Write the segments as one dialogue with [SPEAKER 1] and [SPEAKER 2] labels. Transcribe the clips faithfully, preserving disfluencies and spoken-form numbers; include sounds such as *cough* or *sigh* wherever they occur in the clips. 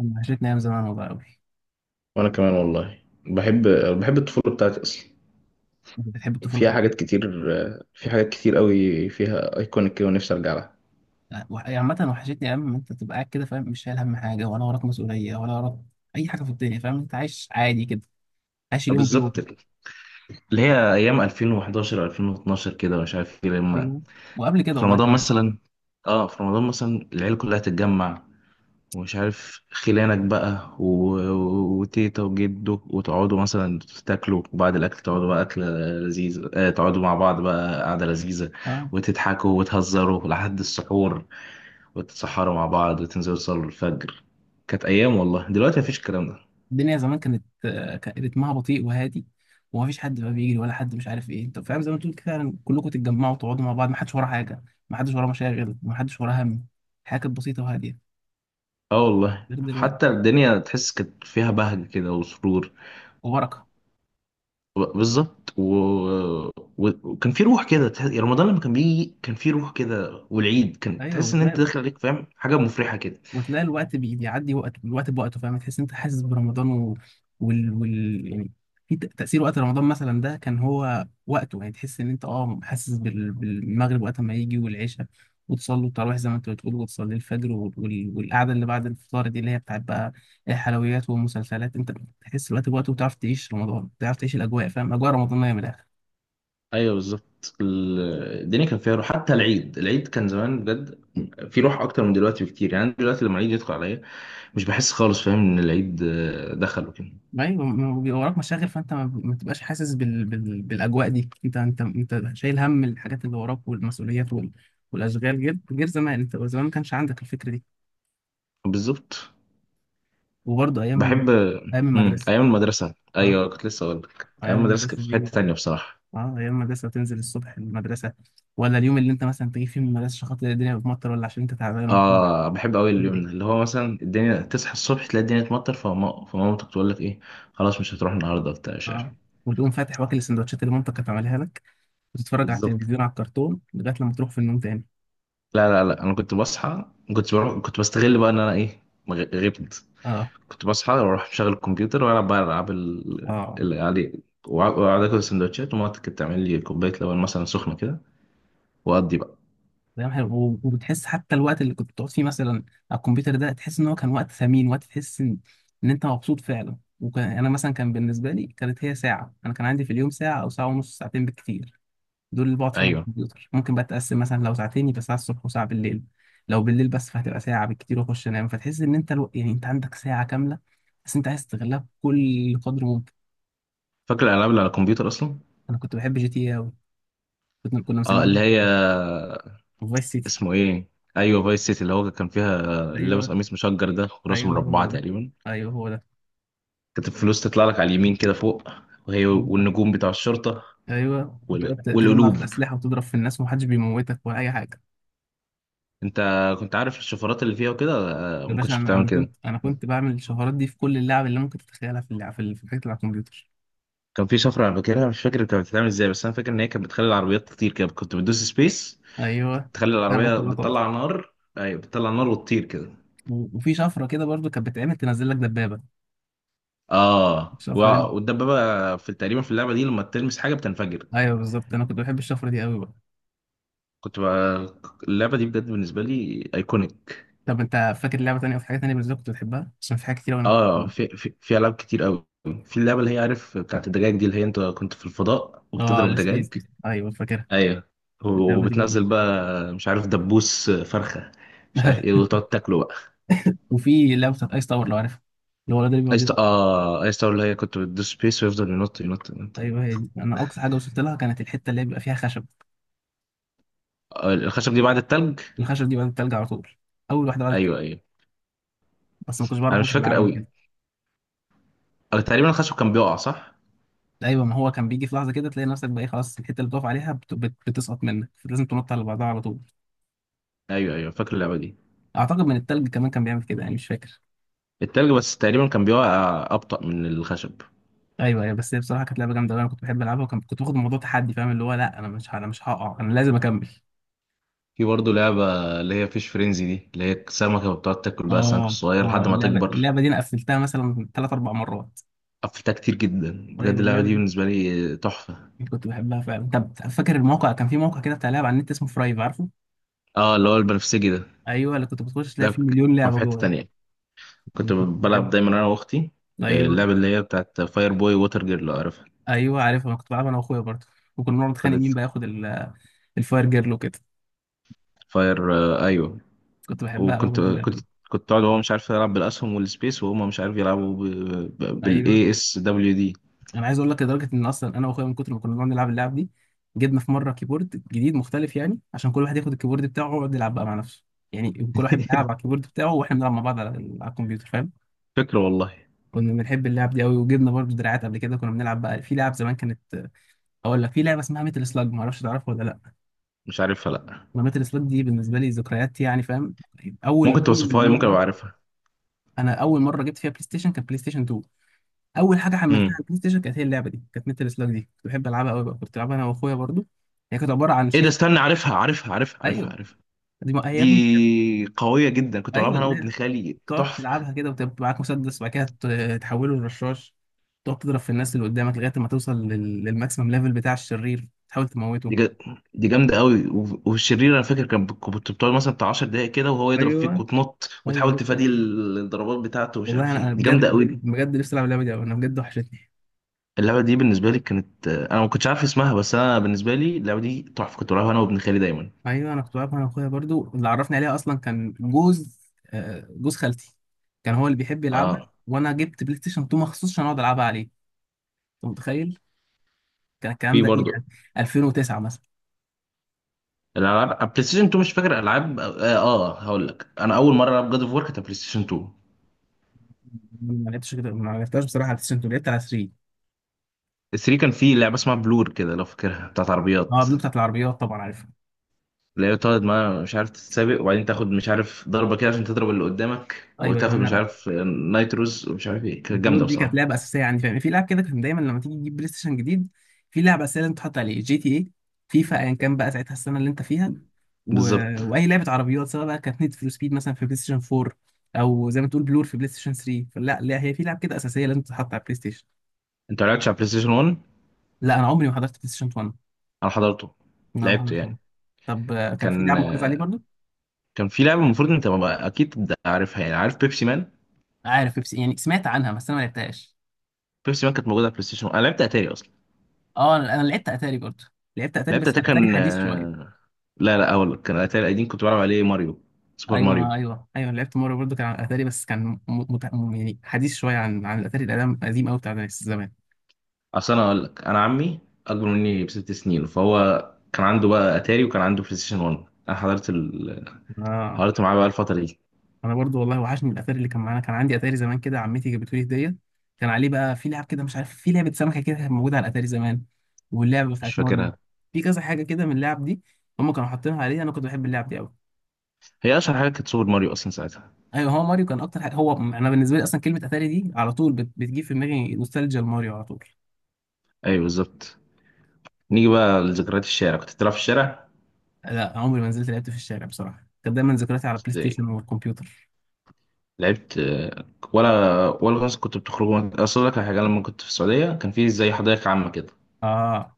[SPEAKER 1] أنا وحشتني أيام زمان والله أوي.
[SPEAKER 2] وانا كمان والله. بحب بحب الطفوله بتاعتي اصلا.
[SPEAKER 1] أنت بتحب الطفولة
[SPEAKER 2] فيها
[SPEAKER 1] بتاعت
[SPEAKER 2] حاجات
[SPEAKER 1] إيه؟
[SPEAKER 2] كتير. في حاجات كتير قوي فيها ايكونيك كده، ونفسي ارجع لها.
[SPEAKER 1] أه، وح- يعني عامة وحشتني أيام ما أنت تبقى قاعد كده، فاهم؟ مش شايل هم حاجة ولا وراك مسؤولية ولا وراك أي حاجة في الدنيا، فاهم؟ أنت عايش عادي كده، عايش اليوم
[SPEAKER 2] بالظبط،
[SPEAKER 1] بيوم.
[SPEAKER 2] اللي هي ايام ألفين وحداشر ألفين واتناشر كده، ومش عارف ايه. لما
[SPEAKER 1] أيوه، وقبل كده
[SPEAKER 2] في
[SPEAKER 1] والله
[SPEAKER 2] رمضان
[SPEAKER 1] كمان.
[SPEAKER 2] مثلا اه في رمضان مثلا العيله كلها تتجمع، ومش عارف خلانك بقى و... وتيتا وجدو، وتقعدوا مثلا تاكلوا، وبعد الاكل تقعدوا بقى اكله لذيذه. آه تقعدوا مع بعض بقى قعده لذيذه،
[SPEAKER 1] أه،
[SPEAKER 2] وتضحكوا وتهزروا لحد السحور، وتتسحروا مع بعض وتنزلوا تصلوا الفجر. كانت أيام والله، دلوقتي مفيش الكلام ده.
[SPEAKER 1] الدنيا زمان كانت آه، كان رتمها بطيء وهادي، ومفيش حد بقى بيجري ولا حد مش عارف إيه، أنت فاهم؟ زي ما تقول كده فعلا كلكم تتجمعوا وتقعدوا مع بعض، محدش وراه حاجة، محدش وراه مشاغل، محدش وراه هم. الحياة كانت بسيطة وهادية
[SPEAKER 2] اه والله،
[SPEAKER 1] غير دلوقتي،
[SPEAKER 2] حتى الدنيا تحس كانت فيها بهجة كده وسرور.
[SPEAKER 1] وبركة.
[SPEAKER 2] ب- بالظبط. و... و... وكان في روح كده تحس، يعني رمضان لما كان بيجي كان في روح كده، والعيد كان
[SPEAKER 1] أيوه
[SPEAKER 2] تحس إن أنت
[SPEAKER 1] بتلاقي،
[SPEAKER 2] داخل عليك، فاهم، حاجة مفرحة كده.
[SPEAKER 1] وتلاقي الوقت بي- بيعدي وقت، الوقت بوقته، فاهم؟ تحس إن انت حاسس برمضان و... وال... وال... يعني في ت- تأثير وقت رمضان مثلا، ده كان هو وقته يعني، تحس ان انت اه حاسس بال... بالمغرب وقت ما يجي والعشاء، وتصلي التراويح زي ما انت بتقول، وتصلي الفجر وال... وال- والقعده اللي بعد الفطار دي اللي هي بتاعت بقى الحلويات والمسلسلات. انت بتحس الوقت بوقته، وتعرف تعيش رمضان، تعرف تعيش الاجواء، فاهم؟ اجواء رمضانيه من الاخر.
[SPEAKER 2] أيوه بالظبط. ال- الدنيا كان فيها روح، حتى العيد. العيد كان زمان بجد في روح أكتر من دلوقتي بكتير. يعني أنا دلوقتي لما العيد يدخل عليا مش بحس خالص، فاهم، إن العيد آه، دخل وكده.
[SPEAKER 1] ايوه، ما هو بيبقى وراك مشاغل، فانت ما ما بتبقاش حاسس بال... بال... بالاجواء دي. انت انت انت شايل هم الحاجات اللي وراك والمسؤوليات وال... والاشغال، غير غير زمان، انت زمان ما كانش عندك الفكره دي.
[SPEAKER 2] بالظبط.
[SPEAKER 1] وبرضه ايام،
[SPEAKER 2] بحب.
[SPEAKER 1] ايام
[SPEAKER 2] مم.
[SPEAKER 1] المدرسه.
[SPEAKER 2] ايام المدرسه،
[SPEAKER 1] اه،
[SPEAKER 2] ايوه، كنت لسه اقول لك ايام
[SPEAKER 1] ايام
[SPEAKER 2] المدرسه كانت
[SPEAKER 1] المدرسه
[SPEAKER 2] في
[SPEAKER 1] دي،
[SPEAKER 2] حته تانية بصراحه.
[SPEAKER 1] اه ايام المدرسه تنزل الصبح المدرسه، ولا اليوم اللي انت مثلا تيجي فيه من المدرسه عشان خاطر الدنيا بتمطر، ولا عشان انت تعبان وتقوم
[SPEAKER 2] اه بحب قوي اليوم
[SPEAKER 1] تدري.
[SPEAKER 2] ده، اللي هو مثلا الدنيا تصحى الصبح تلاقي الدنيا تمطر، فما فمامتك تقول لك ايه، خلاص مش هتروح النهارده بتاع مش عارف.
[SPEAKER 1] اه، وتقوم فاتح واكل السندوتشات اللي مامتك كانت عاملها لك، وتتفرج على
[SPEAKER 2] بالظبط.
[SPEAKER 1] التلفزيون على الكرتون لغايه لما تروح في النوم تاني.
[SPEAKER 2] لا لا لا، انا كنت بصحى، كنت بروح، كنت بستغل بقى ان انا ايه، مغ- غبت.
[SPEAKER 1] اه،
[SPEAKER 2] كنت بصحى واروح مشغل الكمبيوتر، والعب بقى العاب ال-
[SPEAKER 1] اه،
[SPEAKER 2] اللي عليه. وع- واقعد اكل سندوتشات، ومامتي كانت تعمل لي كوبايه لبن مثلا سخنه كده، واقضي بقى.
[SPEAKER 1] دايما حلو. و- وبتحس حتى الوقت اللي كنت بتقعد فيه مثلا على الكمبيوتر ده، تحس ان هو كان وقت ثمين، وقت تحس ان ان انت مبسوط فعلا. وكان انا مثلا كان بالنسبه لي كانت هي ساعه، انا كان عندي في اليوم ساعه او ساعه ونص، ساعتين بالكتير دول اللي بقعد فيهم على
[SPEAKER 2] ايوه
[SPEAKER 1] الكمبيوتر. ممكن بقى تقسم مثلا لو ساعتين يبقى ساعه الصبح وساعه بالليل، لو بالليل بس فهتبقى ساعه بالكتير واخش انام. فتحس ان انت الو... يعني انت عندك ساعه كامله بس انت عايز تستغلها بكل قدر ممكن.
[SPEAKER 2] فاكر الالعاب اللي على الكمبيوتر اصلا.
[SPEAKER 1] انا كنت بحب جي تي قوي، كنا كنا
[SPEAKER 2] اه
[SPEAKER 1] مسمينها
[SPEAKER 2] اللي
[SPEAKER 1] كده
[SPEAKER 2] هي،
[SPEAKER 1] فايس سيتي.
[SPEAKER 2] اسمه ايه؟ ايوه، فايس سيتي، اللي هو كان فيها اللي لابس
[SPEAKER 1] ايوه،
[SPEAKER 2] قميص مشجر ده، وراسه
[SPEAKER 1] ايوه هو
[SPEAKER 2] مربعه
[SPEAKER 1] ده،
[SPEAKER 2] تقريبا.
[SPEAKER 1] ايوه هو
[SPEAKER 2] كانت الفلوس تطلع لك على اليمين كده فوق، وهي
[SPEAKER 1] ده،
[SPEAKER 2] والنجوم بتاع الشرطه،
[SPEAKER 1] ايوه.
[SPEAKER 2] وال-
[SPEAKER 1] وتقعد تجمع في
[SPEAKER 2] والقلوب.
[SPEAKER 1] الاسلحه وتضرب في الناس، ومحدش بيموتك ولا اي حاجه.
[SPEAKER 2] انت كنت عارف الشفرات اللي فيها وكده؟ آه،
[SPEAKER 1] يا
[SPEAKER 2] ما
[SPEAKER 1] باشا
[SPEAKER 2] كنتش
[SPEAKER 1] انا
[SPEAKER 2] بتعمل
[SPEAKER 1] انا
[SPEAKER 2] كده؟
[SPEAKER 1] كنت انا كنت بعمل الشفرات دي في كل اللعب اللي ممكن تتخيلها، في اللعب في ال- في الحاجات اللي على الكمبيوتر.
[SPEAKER 2] كان في شفره انا فاكرها، مش فاكر كانت بتتعمل ازاي، بس انا فاكر ان هي كانت بتخلي العربيات تطير كده، كنت بتدوس سبيس
[SPEAKER 1] ايوه
[SPEAKER 2] تخلي
[SPEAKER 1] عربيات
[SPEAKER 2] العربيه
[SPEAKER 1] كلها طارت.
[SPEAKER 2] بتطلع نار. ايوه بتطلع نار وتطير كده.
[SPEAKER 1] و- وفي شفره كده برضو كانت بتتعمل، تنزل لك دبابه
[SPEAKER 2] اه. و-
[SPEAKER 1] الشفره دي.
[SPEAKER 2] والدبابه في، تقريبا في اللعبه دي لما تلمس حاجه بتنفجر.
[SPEAKER 1] ايوه بالظبط، انا كنت بحب الشفره دي قوي بقى.
[SPEAKER 2] كنت بقى اللعبة دي بجد بالنسبة لي ايكونيك.
[SPEAKER 1] طب انت فاكر لعبه تانيه، او في حاجه تانيه بالنسبه لك كنت بتحبها؟ عشان في حاجات كتير أوي انا كنت
[SPEAKER 2] اه
[SPEAKER 1] بحبها.
[SPEAKER 2] في في, في العاب كتير قوي. في اللعبة اللي هي، عارف، بتاعت الدجاج دي، اللي هي انت كنت في الفضاء
[SPEAKER 1] اه
[SPEAKER 2] وبتضرب
[SPEAKER 1] السبيس
[SPEAKER 2] دجاج.
[SPEAKER 1] دي، ايوه فاكرها،
[SPEAKER 2] ايوه.
[SPEAKER 1] اللعبه دي برضو.
[SPEAKER 2] وبتنزل بقى مش عارف دبوس فرخة مش عارف ايه،
[SPEAKER 1] *laughs*
[SPEAKER 2] وتقعد تاكله بقى.
[SPEAKER 1] وفي لعبه بتاعت ايس تاور لو عارفها، اللي هو الولد اللي بيقعد
[SPEAKER 2] ايس،
[SPEAKER 1] يضرب.
[SPEAKER 2] اه ايس تاور، اللي هي كنت بتدوس سبيس ويفضل ينط ينط ينط.
[SPEAKER 1] ايوه هي دي. انا اقصى حاجه وصلت لها كانت الحته اللي هي بيبقى فيها خشب.
[SPEAKER 2] آه، الخشب دي بعد التلج.
[SPEAKER 1] الخشب دي بقت التلج على طول، اول واحده بدت،
[SPEAKER 2] ايوه ايوه.
[SPEAKER 1] بس ما كنتش
[SPEAKER 2] انا
[SPEAKER 1] بعرف
[SPEAKER 2] مش
[SPEAKER 1] اظبط
[SPEAKER 2] فاكر
[SPEAKER 1] العالم
[SPEAKER 2] قوي.
[SPEAKER 1] كده.
[SPEAKER 2] آه، تقريبا الخشب كان بيقع، صح.
[SPEAKER 1] ايوه، ما هو كان بيجي في لحظه كده تلاقي نفسك بقى إيه، خلاص الحته اللي بتقف عليها بت... بت... بتسقط منك، لازم تنط على بعضها على طول.
[SPEAKER 2] ايوه ايوه فاكر اللعبة دي.
[SPEAKER 1] اعتقد من التلج كمان كان بيعمل كده يعني، مش فاكر.
[SPEAKER 2] التلج بس تقريبا كان بيقع ابطأ من الخشب.
[SPEAKER 1] ايوه ايوه، بس هي بصراحه كانت لعبه جامده أوي، انا كنت بحب العبها. وكنت كنت باخد الموضوع تحدي، فاهم؟ اللي هو لا، انا مش ه- انا مش هقع، انا لازم اكمل.
[SPEAKER 2] في برضه لعبة اللي هي فيش فرينزي دي، اللي هي سمكة بتقعد تاكل بقى السمك
[SPEAKER 1] اه،
[SPEAKER 2] الصغير
[SPEAKER 1] اه،
[SPEAKER 2] لحد ما
[SPEAKER 1] اللعبه
[SPEAKER 2] تكبر.
[SPEAKER 1] اللعبه دي انا قفلتها مثلا ثلاث اربع مرات.
[SPEAKER 2] قفلتها كتير جدا بجد،
[SPEAKER 1] ايوه
[SPEAKER 2] اللعبة
[SPEAKER 1] اللعبه
[SPEAKER 2] دي
[SPEAKER 1] دي
[SPEAKER 2] بالنسبة لي تحفة.
[SPEAKER 1] كنت بحبها فعلا. طب فاكر الموقع؟ كان في موقع كده بتاع لعب على النت اسمه فرايف، عارفه؟
[SPEAKER 2] اه اللي هو البنفسجي ده.
[SPEAKER 1] ايوه اللي كنت بتخش تلاقي
[SPEAKER 2] ده
[SPEAKER 1] فيه
[SPEAKER 2] ك-
[SPEAKER 1] مليون
[SPEAKER 2] كان في
[SPEAKER 1] لعبه
[SPEAKER 2] حتة
[SPEAKER 1] جوه.
[SPEAKER 2] تانية، كنت
[SPEAKER 1] كنت
[SPEAKER 2] بلعب
[SPEAKER 1] بحب.
[SPEAKER 2] دايما انا واختي. آه،
[SPEAKER 1] ايوه،
[SPEAKER 2] اللعبة اللي هي بتاعت فاير بوي ووتر جيرل، لو عارفها.
[SPEAKER 1] ايوه عارف، انا كنت بلعب انا واخويا برضه، وكنا بنقعد نتخانق
[SPEAKER 2] كنت
[SPEAKER 1] مين بقى ياخد ال- الفاير جيرل وكده.
[SPEAKER 2] فاير آه، ايوه.
[SPEAKER 1] كنت بحبها قوي
[SPEAKER 2] وكنت
[SPEAKER 1] برضه اللعبه
[SPEAKER 2] كنت
[SPEAKER 1] دي.
[SPEAKER 2] كنت اقعد، وهو مش عارف يلعب بالاسهم والسبيس، وهما مش عارف يلعبوا
[SPEAKER 1] ايوه.
[SPEAKER 2] بالاي اس دبليو دي.
[SPEAKER 1] انا عايز اقول لك لدرجه ان اصلا انا واخويا من كتر ما كنا بنقعد نلعب اللعب دي، جبنا في مره كيبورد جديد مختلف، يعني عشان كل واحد ياخد الكيبورد بتاعه ويقعد يلعب بقى مع نفسه، يعني كل واحد بيلعب على
[SPEAKER 2] *laughs*
[SPEAKER 1] الكيبورد بتاعه، واحنا بنلعب مع بعض على ال- على الكمبيوتر، فاهم؟
[SPEAKER 2] فكرة والله.
[SPEAKER 1] كنا بنحب اللعب دي قوي. وجبنا برضه دراعات قبل كده، كنا بنلعب بقى في لعب زمان كانت. اقول لك في لعبه اسمها ميتل سلاج، ما اعرفش تعرفها ولا لا؟
[SPEAKER 2] مش عارفها لا.
[SPEAKER 1] انا ميتل سلاج دي بالنسبه لي ذكريات يعني، فاهم؟ اول
[SPEAKER 2] ممكن
[SPEAKER 1] اول
[SPEAKER 2] توصفها لي، ممكن
[SPEAKER 1] مره،
[SPEAKER 2] ابقى عارفها.
[SPEAKER 1] انا اول مره جبت فيها بلاي ستيشن كانت بلاي ستيشن اتنين. اول حاجه حملتها على البلاي ستيشن كانت هي اللعبه دي، كانت ميتال سلاج دي، كنت بحب العبها قوي بقى، كنت بلعبها انا واخويا برضو. هي كانت عباره عن
[SPEAKER 2] ايه ده،
[SPEAKER 1] شخص.
[SPEAKER 2] استنى، عارفها عارفها عارفها عارفها
[SPEAKER 1] ايوه،
[SPEAKER 2] عارفها.
[SPEAKER 1] دي ما... هي يا ابني كانت،
[SPEAKER 2] دي قوية جدا، كنت
[SPEAKER 1] ايوه
[SPEAKER 2] بلعبها انا
[SPEAKER 1] اللي هي
[SPEAKER 2] وابن خالي،
[SPEAKER 1] تقعد
[SPEAKER 2] تحفة.
[SPEAKER 1] تلعبها كده، وتبقى معاك مسدس، وبعد كده ت- تحوله لرشاش. تقعد تضرب في الناس اللي قدامك لغايه ما توصل لل... للماكسيمم ليفل بتاع الشرير، تحاول
[SPEAKER 2] دي
[SPEAKER 1] تموته.
[SPEAKER 2] جا... دي جامدة قوي. و- والشرير انا فاكر كان بت- كنت بتقعد مثلا بتاع 10 دقايق كده وهو يضرب فيك،
[SPEAKER 1] ايوه،
[SPEAKER 2] وتنط
[SPEAKER 1] ايوه
[SPEAKER 2] وتحاول
[SPEAKER 1] هو ده.
[SPEAKER 2] تفادي ال- الضربات بتاعته ومش
[SPEAKER 1] والله
[SPEAKER 2] عارف
[SPEAKER 1] انا
[SPEAKER 2] ايه.
[SPEAKER 1] أنا
[SPEAKER 2] دي
[SPEAKER 1] بجد،
[SPEAKER 2] جامدة قوي دي.
[SPEAKER 1] بجد نفسي العب اللعبه دي أوي، انا بجد وحشتني.
[SPEAKER 2] اللعبة دي بالنسبة لي كانت، انا ما كنتش عارف اسمها، بس انا بالنسبة لي اللعبة دي تحفة، كنت بلعبها انا وابن خالي دايما.
[SPEAKER 1] ايوه، انا كنت بعرف، انا اخويا برضو اللي عرفني عليها اصلا كان جوز، آه، جوز خالتي. كان هو اللي بيحب يلعبها،
[SPEAKER 2] اه.
[SPEAKER 1] وانا جبت بلاي ستيشن تو مخصوص عشان اقعد العبها عليه. انت متخيل كان الكلام
[SPEAKER 2] في
[SPEAKER 1] ده ايه
[SPEAKER 2] برضه
[SPEAKER 1] يعني؟ ألفين وتسعة مثلا.
[SPEAKER 2] الالعاب بلاي ستيشن اتنين مش فاكر العاب، اه, آه هقول لك انا اول مرة العب جاد اوف وور كانت على بلاي ستيشن اتنين.
[SPEAKER 1] ما لعبتش كده، ما لعبتهاش بصراحه على البلاي ستيشن اتنين، لعبت على ثري.
[SPEAKER 2] تلاتة كان فيه لعبة اسمها بلور كده لو فاكرها، بتاعت
[SPEAKER 1] اه،
[SPEAKER 2] عربيات،
[SPEAKER 1] بلو بتاعت العربيات طبعا عارفها.
[SPEAKER 2] اللي هي بتقعد ما مش عارف تتسابق، وبعدين تاخد مش عارف ضربة كده عشان تضرب اللي قدامك،
[SPEAKER 1] ايوه ايوه،
[SPEAKER 2] وتاخد مش
[SPEAKER 1] انا
[SPEAKER 2] عارف نايتروز ومش عارف ايه، كانت
[SPEAKER 1] بلور
[SPEAKER 2] جامدة
[SPEAKER 1] دي كانت
[SPEAKER 2] بصراحة.
[SPEAKER 1] لعبه اساسيه، يعني فاهم؟ في لعب كده كان دايما لما تيجي تجيب بلاي ستيشن جديد، في لعبه اساسيه لازم تحط عليه جي تي اي، فيفا، ايا كان بقى ساعتها السنه اللي انت فيها. و...
[SPEAKER 2] بالظبط.
[SPEAKER 1] واي لعبه عربيات، سواء بقى كانت نيد فور سبيد مثلا في بلاي ستيشن فور، او زي ما تقول بلور في بلاي ستيشن ثري، فلا لا هي في لعب كده اساسيه لازم تتحط على البلاي ستيشن.
[SPEAKER 2] انت ما لعبتش على بلاي ستيشن واحد؟
[SPEAKER 1] لا انا عمري ما حضرت بلاي ستيشن وان،
[SPEAKER 2] انا حضرته،
[SPEAKER 1] انا ما
[SPEAKER 2] لعبته
[SPEAKER 1] حضرت ولا.
[SPEAKER 2] يعني.
[SPEAKER 1] طب آه، كان في
[SPEAKER 2] كان
[SPEAKER 1] لعب مؤلف عليه برضو.
[SPEAKER 2] كان في لعبة المفروض انت، ما- اكيد عارفها يعني، عارف بيبسي مان؟
[SPEAKER 1] عارف بيبسي يعني، سمعت عنها بس انا ما لعبتهاش.
[SPEAKER 2] بيبسي مان كانت موجودة على بلاي ستيشن واحد، انا لعبت اتاري اصلا.
[SPEAKER 1] اه، انا أنا لعبت اتاري برضو، لعبت اتاري
[SPEAKER 2] لعبت
[SPEAKER 1] بس كان
[SPEAKER 2] اتاري
[SPEAKER 1] اتاري
[SPEAKER 2] كان
[SPEAKER 1] حديث شويه.
[SPEAKER 2] آه، لا لا، اقول لك كان اتاري قديم، كنت بلعب عليه ماريو، سوبر
[SPEAKER 1] ايوه ما-
[SPEAKER 2] ماريو.
[SPEAKER 1] ايوه ايوه، لعبت مره برضو، كان على اتاري بس كان م... مت... م... يعني حديث شويه عن عن الاتاري القديم القديم قوي بتاع زمان.
[SPEAKER 2] اصل انا اقول لك، انا عمي اكبر مني بست سنين، فهو كان عنده بقى اتاري وكان عنده بلاي ستيشن واحد. انا حضرت ال...
[SPEAKER 1] اه،
[SPEAKER 2] حضرت معاه بقى الفتره دي.
[SPEAKER 1] انا برضو والله وحشني الاثار اللي كان معانا، كان عندي اتاري زمان كده، عمتي جابته لي هديه. كان عليه بقى في لعب كده، مش عارف، في لعبه سمكه كده كانت موجوده على الاتاري زمان، واللعبه
[SPEAKER 2] مش
[SPEAKER 1] بتاعت ماريو،
[SPEAKER 2] فاكرها.
[SPEAKER 1] في كذا حاجه كده من اللعب دي، هم كانوا حاطينها عليه. انا كنت بحب اللعب دي قوي.
[SPEAKER 2] هي اشهر حاجه كانت سوبر ماريو اصلا ساعتها.
[SPEAKER 1] ايوه هو ماريو كان اكتر حاجه، هو انا بالنسبه لي اصلا كلمه اتاري دي على طول بت... بتجيب في دماغي نوستالجيا لماريو على طول.
[SPEAKER 2] ايوه بالظبط. نيجي بقى لذكريات الشارع، كنت بتلعب في الشارع؟
[SPEAKER 1] لا عمري ما نزلت لعبت في الشارع بصراحه، كانت دايما ذكرياتي على بلاي
[SPEAKER 2] إزاي؟
[SPEAKER 1] ستيشن والكمبيوتر.
[SPEAKER 2] لعبت آه، ولا ولا مثلا كنت بتخرجوا؟ اصل لك على حاجه، لما كنت في السعوديه كان في زي حدائق عامه كده،
[SPEAKER 1] اه،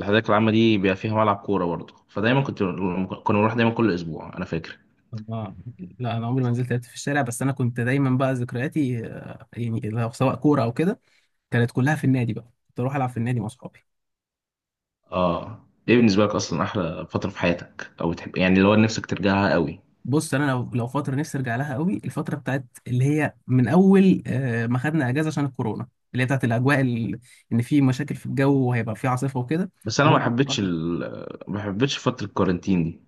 [SPEAKER 2] الحدائق العامه دي بيبقى فيها ملعب كوره برضه، فدايما كنت كنا بنروح دايما كل اسبوع انا فاكر.
[SPEAKER 1] اه، لا انا عمري ما نزلت لعبت في الشارع، بس انا كنت دايما بقى ذكرياتي آه، يعني لو سواء كوره او كده، كانت كلها في النادي بقى، كنت اروح العب في النادي مع اصحابي.
[SPEAKER 2] اه. ايه بالنسبه لك اصلا احلى فتره في حياتك، او تحب يعني اللي هو نفسك ترجعها قوي؟
[SPEAKER 1] بص انا لو لو فتره نفسي ارجع لها قوي، الفتره بتاعت اللي هي من اول آه، ما خدنا اجازه عشان الكورونا، اللي هي بتاعت الاجواء ال- ان في مشاكل في الجو وهيبقى في عاصفه وكده،
[SPEAKER 2] بس انا ما
[SPEAKER 1] وهو
[SPEAKER 2] حبيتش
[SPEAKER 1] الكورة-
[SPEAKER 2] ال... ما حبيتش فتره الكورنتين دي.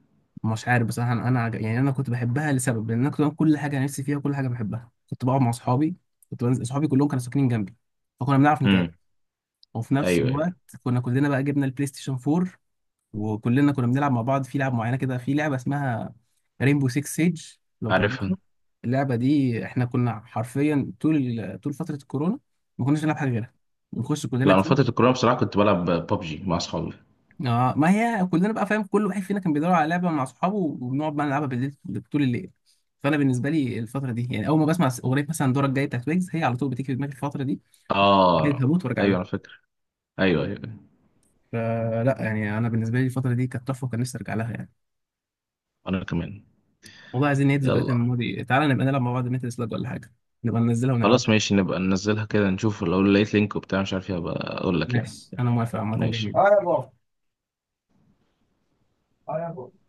[SPEAKER 1] مش عارف بصراحه، انا أنا عج- يعني انا كنت بحبها لسبب، لان انا كنت بعمل كل حاجه نفسي فيها، وكل حاجه بحبها، كنت بقعد مع اصحابي، كنت بنزل اصحابي كلهم كانوا ساكنين جنبي، فكنا بنعرف نتقابل.
[SPEAKER 2] امم
[SPEAKER 1] وفي نفس
[SPEAKER 2] ايوه
[SPEAKER 1] الوقت
[SPEAKER 2] ايوه
[SPEAKER 1] كنا كلنا بقى جبنا البلاي ستيشن فور، وكلنا كنا بنلعب مع بعض في لعب معينه كده، في لعبه اسمها رينبو سيكس سيج، لو
[SPEAKER 2] عارفها.
[SPEAKER 1] تعرفها. اللعبه دي احنا كنا حرفيا طول طول فتره الكورونا ما كناش بنلعب حاجه غيرها، بنخش كلنا
[SPEAKER 2] لا، انا
[SPEAKER 1] تيم.
[SPEAKER 2] فتره الكورونا بصراحه كنت بلعب ببجي مع اصحابي.
[SPEAKER 1] اه، ما هي كلنا بقى فاهم، كل واحد فينا كان بيدور على لعبه مع اصحابه، وبنقعد بقى نلعبها بالليل طول الليل. فانا بالنسبه لي الفتره دي يعني، اول ما بسمع اغنيه مثلا دورك جاي بتاعت ويجز، هي على طول بتيجي في دماغي الفتره دي، عايز
[SPEAKER 2] اه
[SPEAKER 1] هموت وارجع
[SPEAKER 2] ايوه
[SPEAKER 1] لها.
[SPEAKER 2] انا فاكر. ايوه ايوه أيوة.
[SPEAKER 1] فلا يعني انا بالنسبه لي الفتره دي كانت تحفه، وكان نفسي ارجع لها يعني.
[SPEAKER 2] انا كمان.
[SPEAKER 1] والله عايزين نعيد ذكريات
[SPEAKER 2] يلا.
[SPEAKER 1] الماضي، تعالى نبقى نلعب مع بعض ميتل سلاج ولا حاجة، نبقى ننزلها ونلعبها.
[SPEAKER 2] خلاص ماشي، نبقى ننزلها كده، نشوف لو لقيت لينك وبتاع مش عارف ايه هبقى اقول لك يعني.
[SPEAKER 1] ماشي، أنا موافق عامة. جميل،
[SPEAKER 2] ماشي.
[SPEAKER 1] اه يا بابا. اه يا بابا.